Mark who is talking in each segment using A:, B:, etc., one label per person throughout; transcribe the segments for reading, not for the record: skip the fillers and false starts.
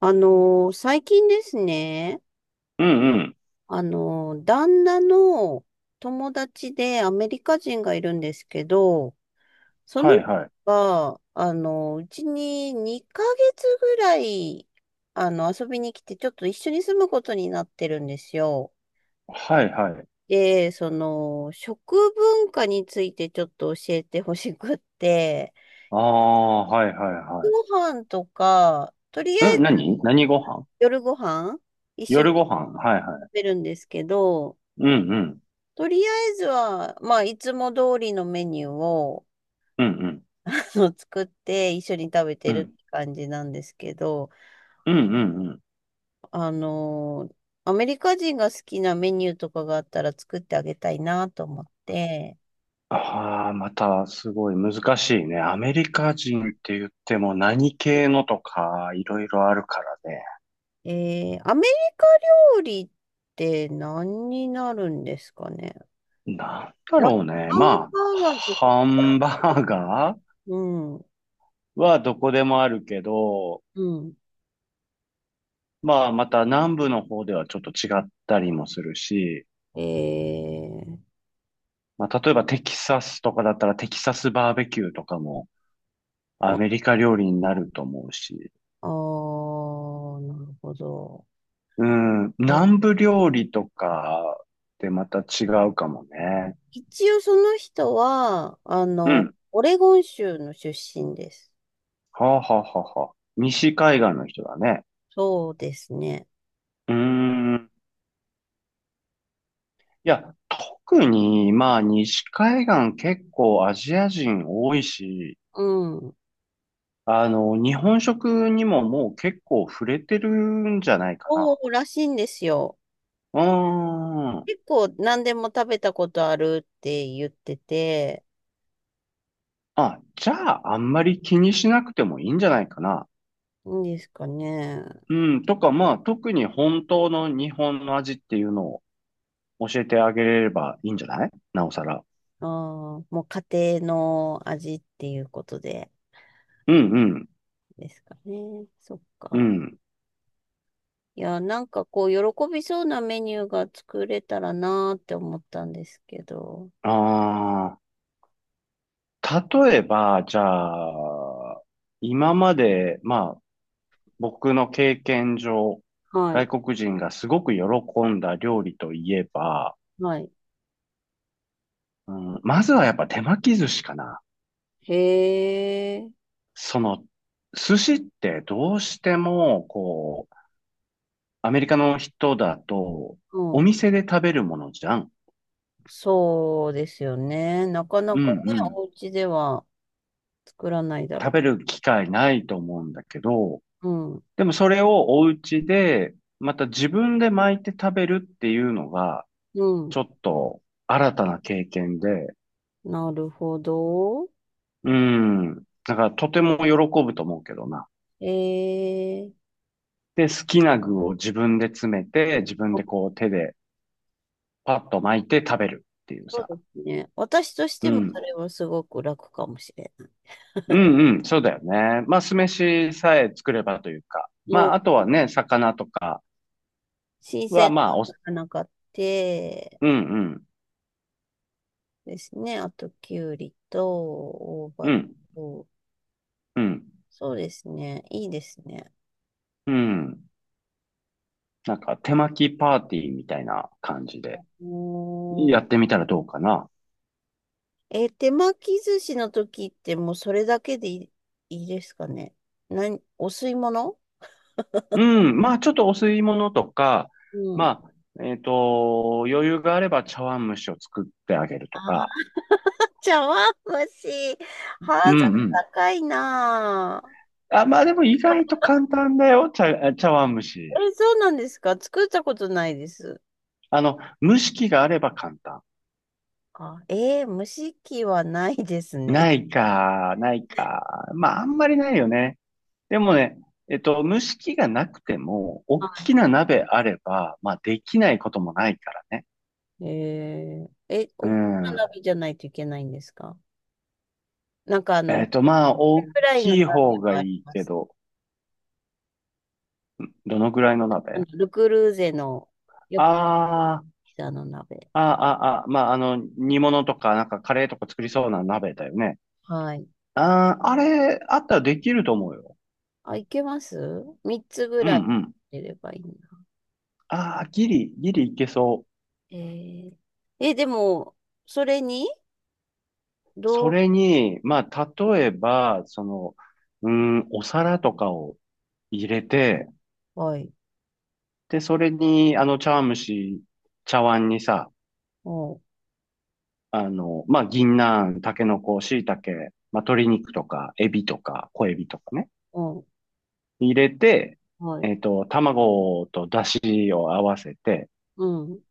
A: 最近ですね、
B: うんうん。
A: 旦那の友達でアメリカ人がいるんですけど、その
B: はい
A: 人
B: はい。
A: が、うちに2ヶ月ぐらい、遊びに来て、ちょっと一緒に住むことになってるんですよ。
B: はいはい。
A: で、その、食文化についてちょっと教えてほしくって、
B: ああ、はいはいは
A: ご飯とか、とりあ
B: い。
A: え
B: ん、
A: ず
B: 何何ご飯？
A: 夜ご飯一緒に
B: 夜ご飯はいはい。
A: 食べるんですけど、
B: うんうん。
A: とりあえずは、まあ、いつも通りのメニューを
B: うんうん。
A: 作って一緒に食べて
B: う
A: る
B: ん。
A: って感じなんですけど、
B: うんうんうん。
A: あのアメリカ人が好きなメニューとかがあったら作ってあげたいなと思って、
B: ああ、またすごい難しいね。アメリカ人って言っても何系のとかいろいろあるからね。
A: アメリカ料理って何になるんですかね。
B: なんだ
A: な、
B: ろうね。
A: ハン
B: まあ、
A: バーガーとか、
B: ハンバーガー
A: うん、
B: はどこでもあるけど、
A: うん。
B: まあまた南部の方ではちょっと違ったりもするし、
A: えー、
B: まあ、例えばテキサスとかだったらテキサスバーベキューとかもア
A: お
B: メリカ料理になると思うし、
A: あー、なるほど。
B: うん、
A: え
B: 南部料理とかってまた違うかもね。
A: 一応その人は、
B: うん。
A: オレゴン州の出身です。
B: はあ、はあはあはあ、西海岸の人だね。
A: そうですね。
B: うーん。いや、特に、まあ、西海岸結構アジア人多いし、
A: うん。
B: 日本食にももう結構触れてるんじゃないか
A: そ
B: な。
A: うらしいんですよ。
B: うーん。
A: 結構何でも食べたことあるって言ってて、
B: あ、じゃあ、あんまり気にしなくてもいいんじゃないかな。
A: いいんですかね。
B: うん、とか、まあ、特に本当の日本の味っていうのを教えてあげれればいいんじゃないなおさら。
A: ああ、もう家庭の味っていうことで
B: うん、うん、
A: ですかね。そっ
B: う
A: か。
B: ん。
A: いや、なんかこう、喜びそうなメニューが作れたらなーって思ったんですけど。
B: ああ、例えば、じゃあ、今まで、まあ、僕の経験上、
A: はい。
B: 外国人がすごく喜んだ料理といえば、
A: はい。
B: うん、まずはやっぱ手巻き寿司かな。
A: へえ。
B: その、寿司ってどうしても、こう、アメリカの人だと、
A: う
B: お
A: ん。
B: 店で食べるものじゃん。
A: そうですよね。なかな
B: うんう
A: かね、
B: ん。
A: お家では作らないだ
B: 食
A: ろ
B: べる機会ないと思うんだけど、
A: う。うん。
B: でもそれをお家で、また自分で巻いて食べるっていうのが、
A: うん。
B: ちょっと新たな経験で、
A: なるほど。
B: うん。だからとても喜ぶと思うけどな。
A: えー、
B: で、好きな具を自分で詰めて、自分で
A: あ
B: こう手でパッと巻いて食べるっていう
A: そう
B: さ。
A: ですね。私とし
B: う
A: てもそ
B: ん。
A: れはすごく楽かもしれない。
B: うんうん、そうだよね。まあ、酢飯さえ作ればというか。
A: もう、
B: まあ、あとはね、魚とか
A: 新
B: は、
A: 鮮
B: まあ、お、う
A: な魚買って
B: んうん、
A: ですね。あと、きゅうりと、大
B: う
A: 葉
B: ん、
A: と、
B: うん、
A: そうですね。いいですね。
B: うん。なんか、手巻きパーティーみたいな感じで、
A: うー
B: や
A: ん
B: ってみたらどうかな。
A: 手巻き寿司の時ってもうそれだけでいい、いいですかね。何、お吸い物。
B: うん、まあ、ちょっとお吸い物とか、
A: うん。
B: まあ、余裕があれば茶碗蒸しを作ってあげると
A: あ、
B: か。
A: 茶碗蒸し。ハー
B: う
A: ド
B: ん
A: ル
B: うん。
A: 高いなあ。
B: あ、まあでも意外と簡単だよ、茶碗蒸し。
A: え、そうなんですか？作ったことないです。
B: 蒸し器があれば簡単。
A: あ、蒸し器はないですね。
B: ないか、ないか。まあ、あんまりないよね。でもね、蒸し器がなくても、
A: は
B: 大
A: い。
B: きな鍋あれば、まあ、できないこともないからね。う
A: 大きな
B: ん。
A: 鍋じゃないといけないんですか？なんか
B: えっと、まあ、大
A: フライの
B: き
A: 鍋
B: い方
A: も
B: がい
A: あり
B: い
A: ま
B: け
A: す。
B: ど、どのぐらいの鍋、
A: ルクルーゼのよくある
B: あー、
A: ピザの鍋。
B: あー、あー、あー、まあ、煮物とか、なんかカレーとか作りそうな鍋だよね。
A: はい。
B: あー、あれ、あったらできると思うよ。
A: あ、いけます？ 3 つぐ
B: うん
A: らい
B: うん。
A: 入れればいいな。
B: ああ、ギリ、ギリいけそう。
A: えー、でも、それに、
B: そ
A: どう、
B: れに、まあ、例えば、その、うーん、お皿とかを入れて、
A: はい、
B: で、それに、茶碗蒸し、茶碗にさ、
A: おう、
B: まあ、銀杏、タケノコ、椎茸、まあ、鶏肉とか、エビとか、小エビとかね、
A: おう、
B: 入れて、
A: はい、
B: 卵と出汁を合わせて、
A: うん、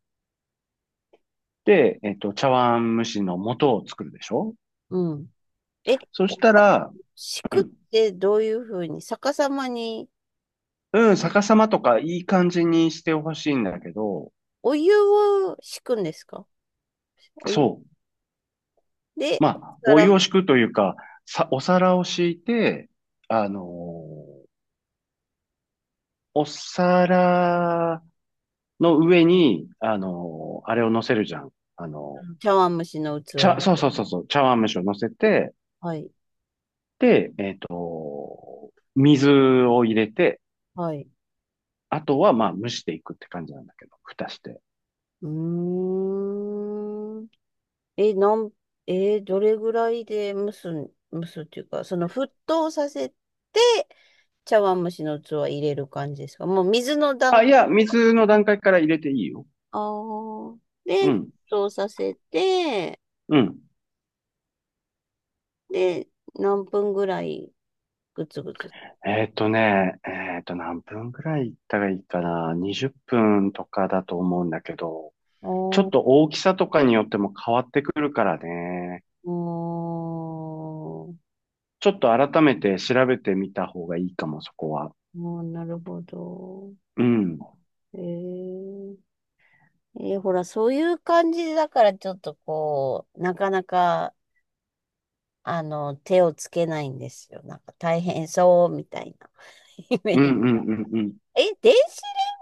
B: で、茶碗蒸しの素を作るでしょ？
A: うん。え、
B: そ
A: お
B: し
A: 湯
B: たら、
A: 敷
B: う
A: くっ
B: ん、
A: てどういうふうに、逆さまに
B: うん、逆さまとかいい感じにしてほしいんだけど、
A: お湯を敷くんですか？お湯
B: そう。
A: で、
B: まあ、
A: から
B: お湯を敷くというか、さ、お皿を敷いて、あのーお皿の上に、あれを乗せるじゃん。あの
A: 茶碗蒸しの器。
B: ー茶、そうそうそうそう、茶碗蒸しを乗せて、
A: はい、
B: で、水を入れて、
A: はい。
B: あとはまあ蒸していくって感じなんだけど、蓋して。
A: うーん。え、なん、えーどれぐらいで蒸すん、蒸すっていうか、その沸騰させて、茶碗蒸しの器入れる感じですか？もう水の段
B: あ、い
A: 階。
B: や、水の段階から入れていいよ。
A: あーで、
B: う
A: 沸
B: ん、
A: 騰させて、
B: うん。
A: で、何分ぐらいぐつぐつ。
B: えっとね、えっと、何分くらい行ったらいいかな。20分とかだと思うんだけど、ちょっ
A: おー、
B: と大きさとかによっても変わってくるからね。
A: おー、
B: ちょっと改めて調べてみた方がいいかも、そこは。
A: もうなるほど。
B: うん。
A: えー、ほら、そういう感じだから、ちょっとこう、なかなか、手をつけないんですよ。なんか大変そうみたいなイメー
B: うんう
A: ジ。
B: んうんうん。
A: え、電子レン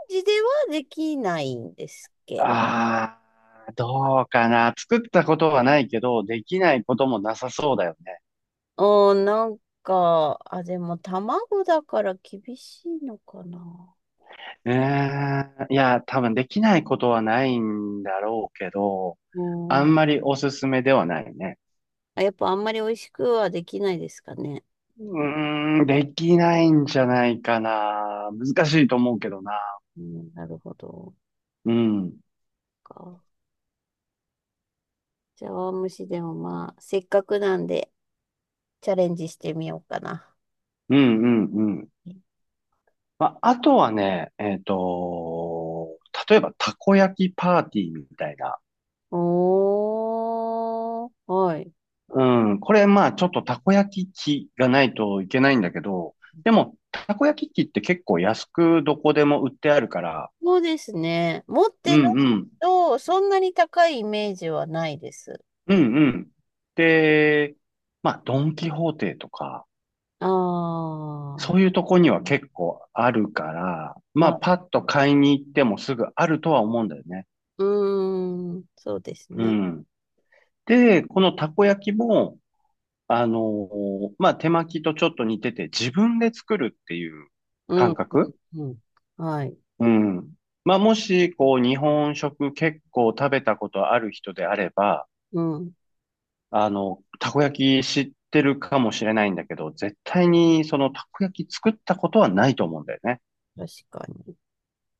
A: ジではできないんですっけ？
B: ああ、どうかな。作ったことはないけど、できないこともなさそうだよね。
A: なんか、あ、でも卵だから厳しいのかな。
B: えー、いや、多分できないことはないんだろうけど、
A: う
B: あ
A: ん。
B: んまりおすすめではないね。
A: あ、やっぱあんまり美味しくはできないですかね。
B: うーん、できないんじゃないかな。難しいと思うけどな。
A: うん、なるほど。
B: うん。
A: か。じゃあ、でもまあ、せっかくなんでチャレンジしてみようかな。
B: うんうんうん、まあ、あとはね、例えばたこ焼きパーティーみたいな。
A: おー、はい。
B: うん、これまあちょっとたこ焼き器がないといけないんだけど、でもたこ焼き器って結構安くどこでも売ってあるから、
A: そうですね。持っ
B: うん
A: てない
B: うん、
A: と、そんなに高いイメージはないです。
B: うんうん。で、まあドンキホーテとか、
A: あ
B: そういう
A: あ、
B: とこには結構あるから、ま
A: ま
B: あ
A: あ、
B: パッと買いに行ってもすぐあるとは思うんだよね。
A: うーん、そうです
B: う
A: ね。
B: ん。で、このたこ焼きも、まあ、手巻きとちょっと似てて、自分で作るっていう
A: うん、う
B: 感
A: ん、
B: 覚。
A: うん。はい。
B: うん。まあ、もし、こう、日本食結構食べたことある人であれば、
A: うん、
B: たこ焼き知ってるかもしれないんだけど、絶対にそのたこ焼き作ったことはないと思うんだよね。
A: 確かに。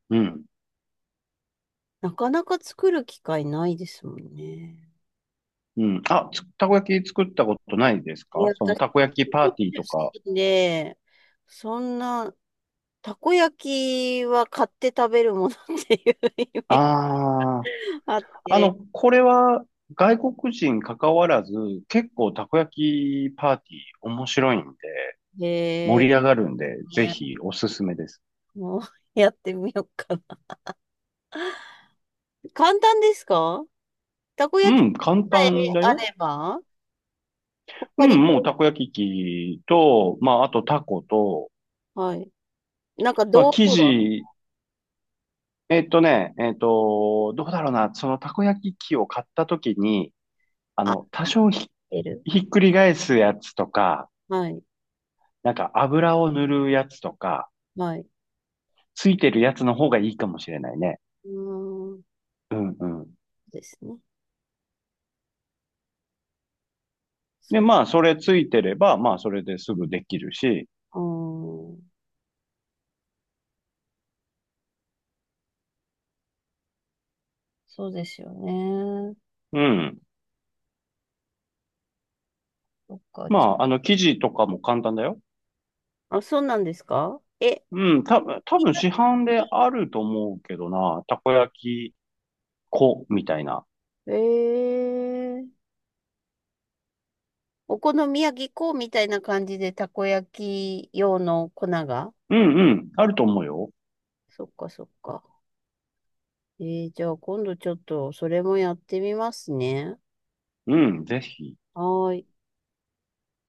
B: うん。
A: なかなか作る機会ないですもんね。
B: うん。あ、つたこ焼き作ったことないです
A: いや、
B: か？その
A: 私、
B: たこ焼き
A: 地
B: パー
A: 方
B: ティーとか。
A: 出身で、そんな、たこ焼きは買って食べるものっていうイメージ
B: あ、
A: あって、
B: これは外国人関わらず、結構たこ焼きパーティー面白いんで、
A: へ
B: 盛
A: え、
B: り上がるんで、ぜ
A: ね、
B: ひおすすめです。
A: もうやってみようかな。簡単ですか？たこ
B: う
A: 焼き
B: ん、簡
A: さえ
B: 単だ
A: あ
B: よ。
A: れば
B: う
A: 他に、
B: ん、もうたこ焼き器と、まあ、あとタコと、
A: はい。なんか
B: まあ、
A: 道
B: 生
A: 具は、
B: 地、えっとね、えっと、どうだろうな、そのたこ焼き器を買った時に、
A: あ、
B: 多少ひ、
A: 入ってる。
B: ひっくり返すやつとか、
A: はい。
B: なんか油を塗るやつとか、
A: はい。
B: ついてるやつの方がいいかもしれないね。
A: うーん。
B: うんうん。
A: ですね。そ
B: で、
A: っ
B: まあ、それついてれば、まあ、それですぐできるし、
A: か。そうですよね。
B: うん。
A: そっか。
B: ま
A: じ
B: あ、生地とかも簡単だよ。
A: ゃあ、そうなんですか？え、
B: うん、た、多
A: みん
B: 分
A: な、
B: 市販であると思うけどな、たこ焼き粉みたいな。
A: えー、お好み焼き粉みたいな感じでたこ焼き用の粉が、
B: うんうん、あると思うよ。
A: そっかそっか。じゃあ今度ちょっとそれもやってみますね。
B: うん、ぜひ。
A: はーい。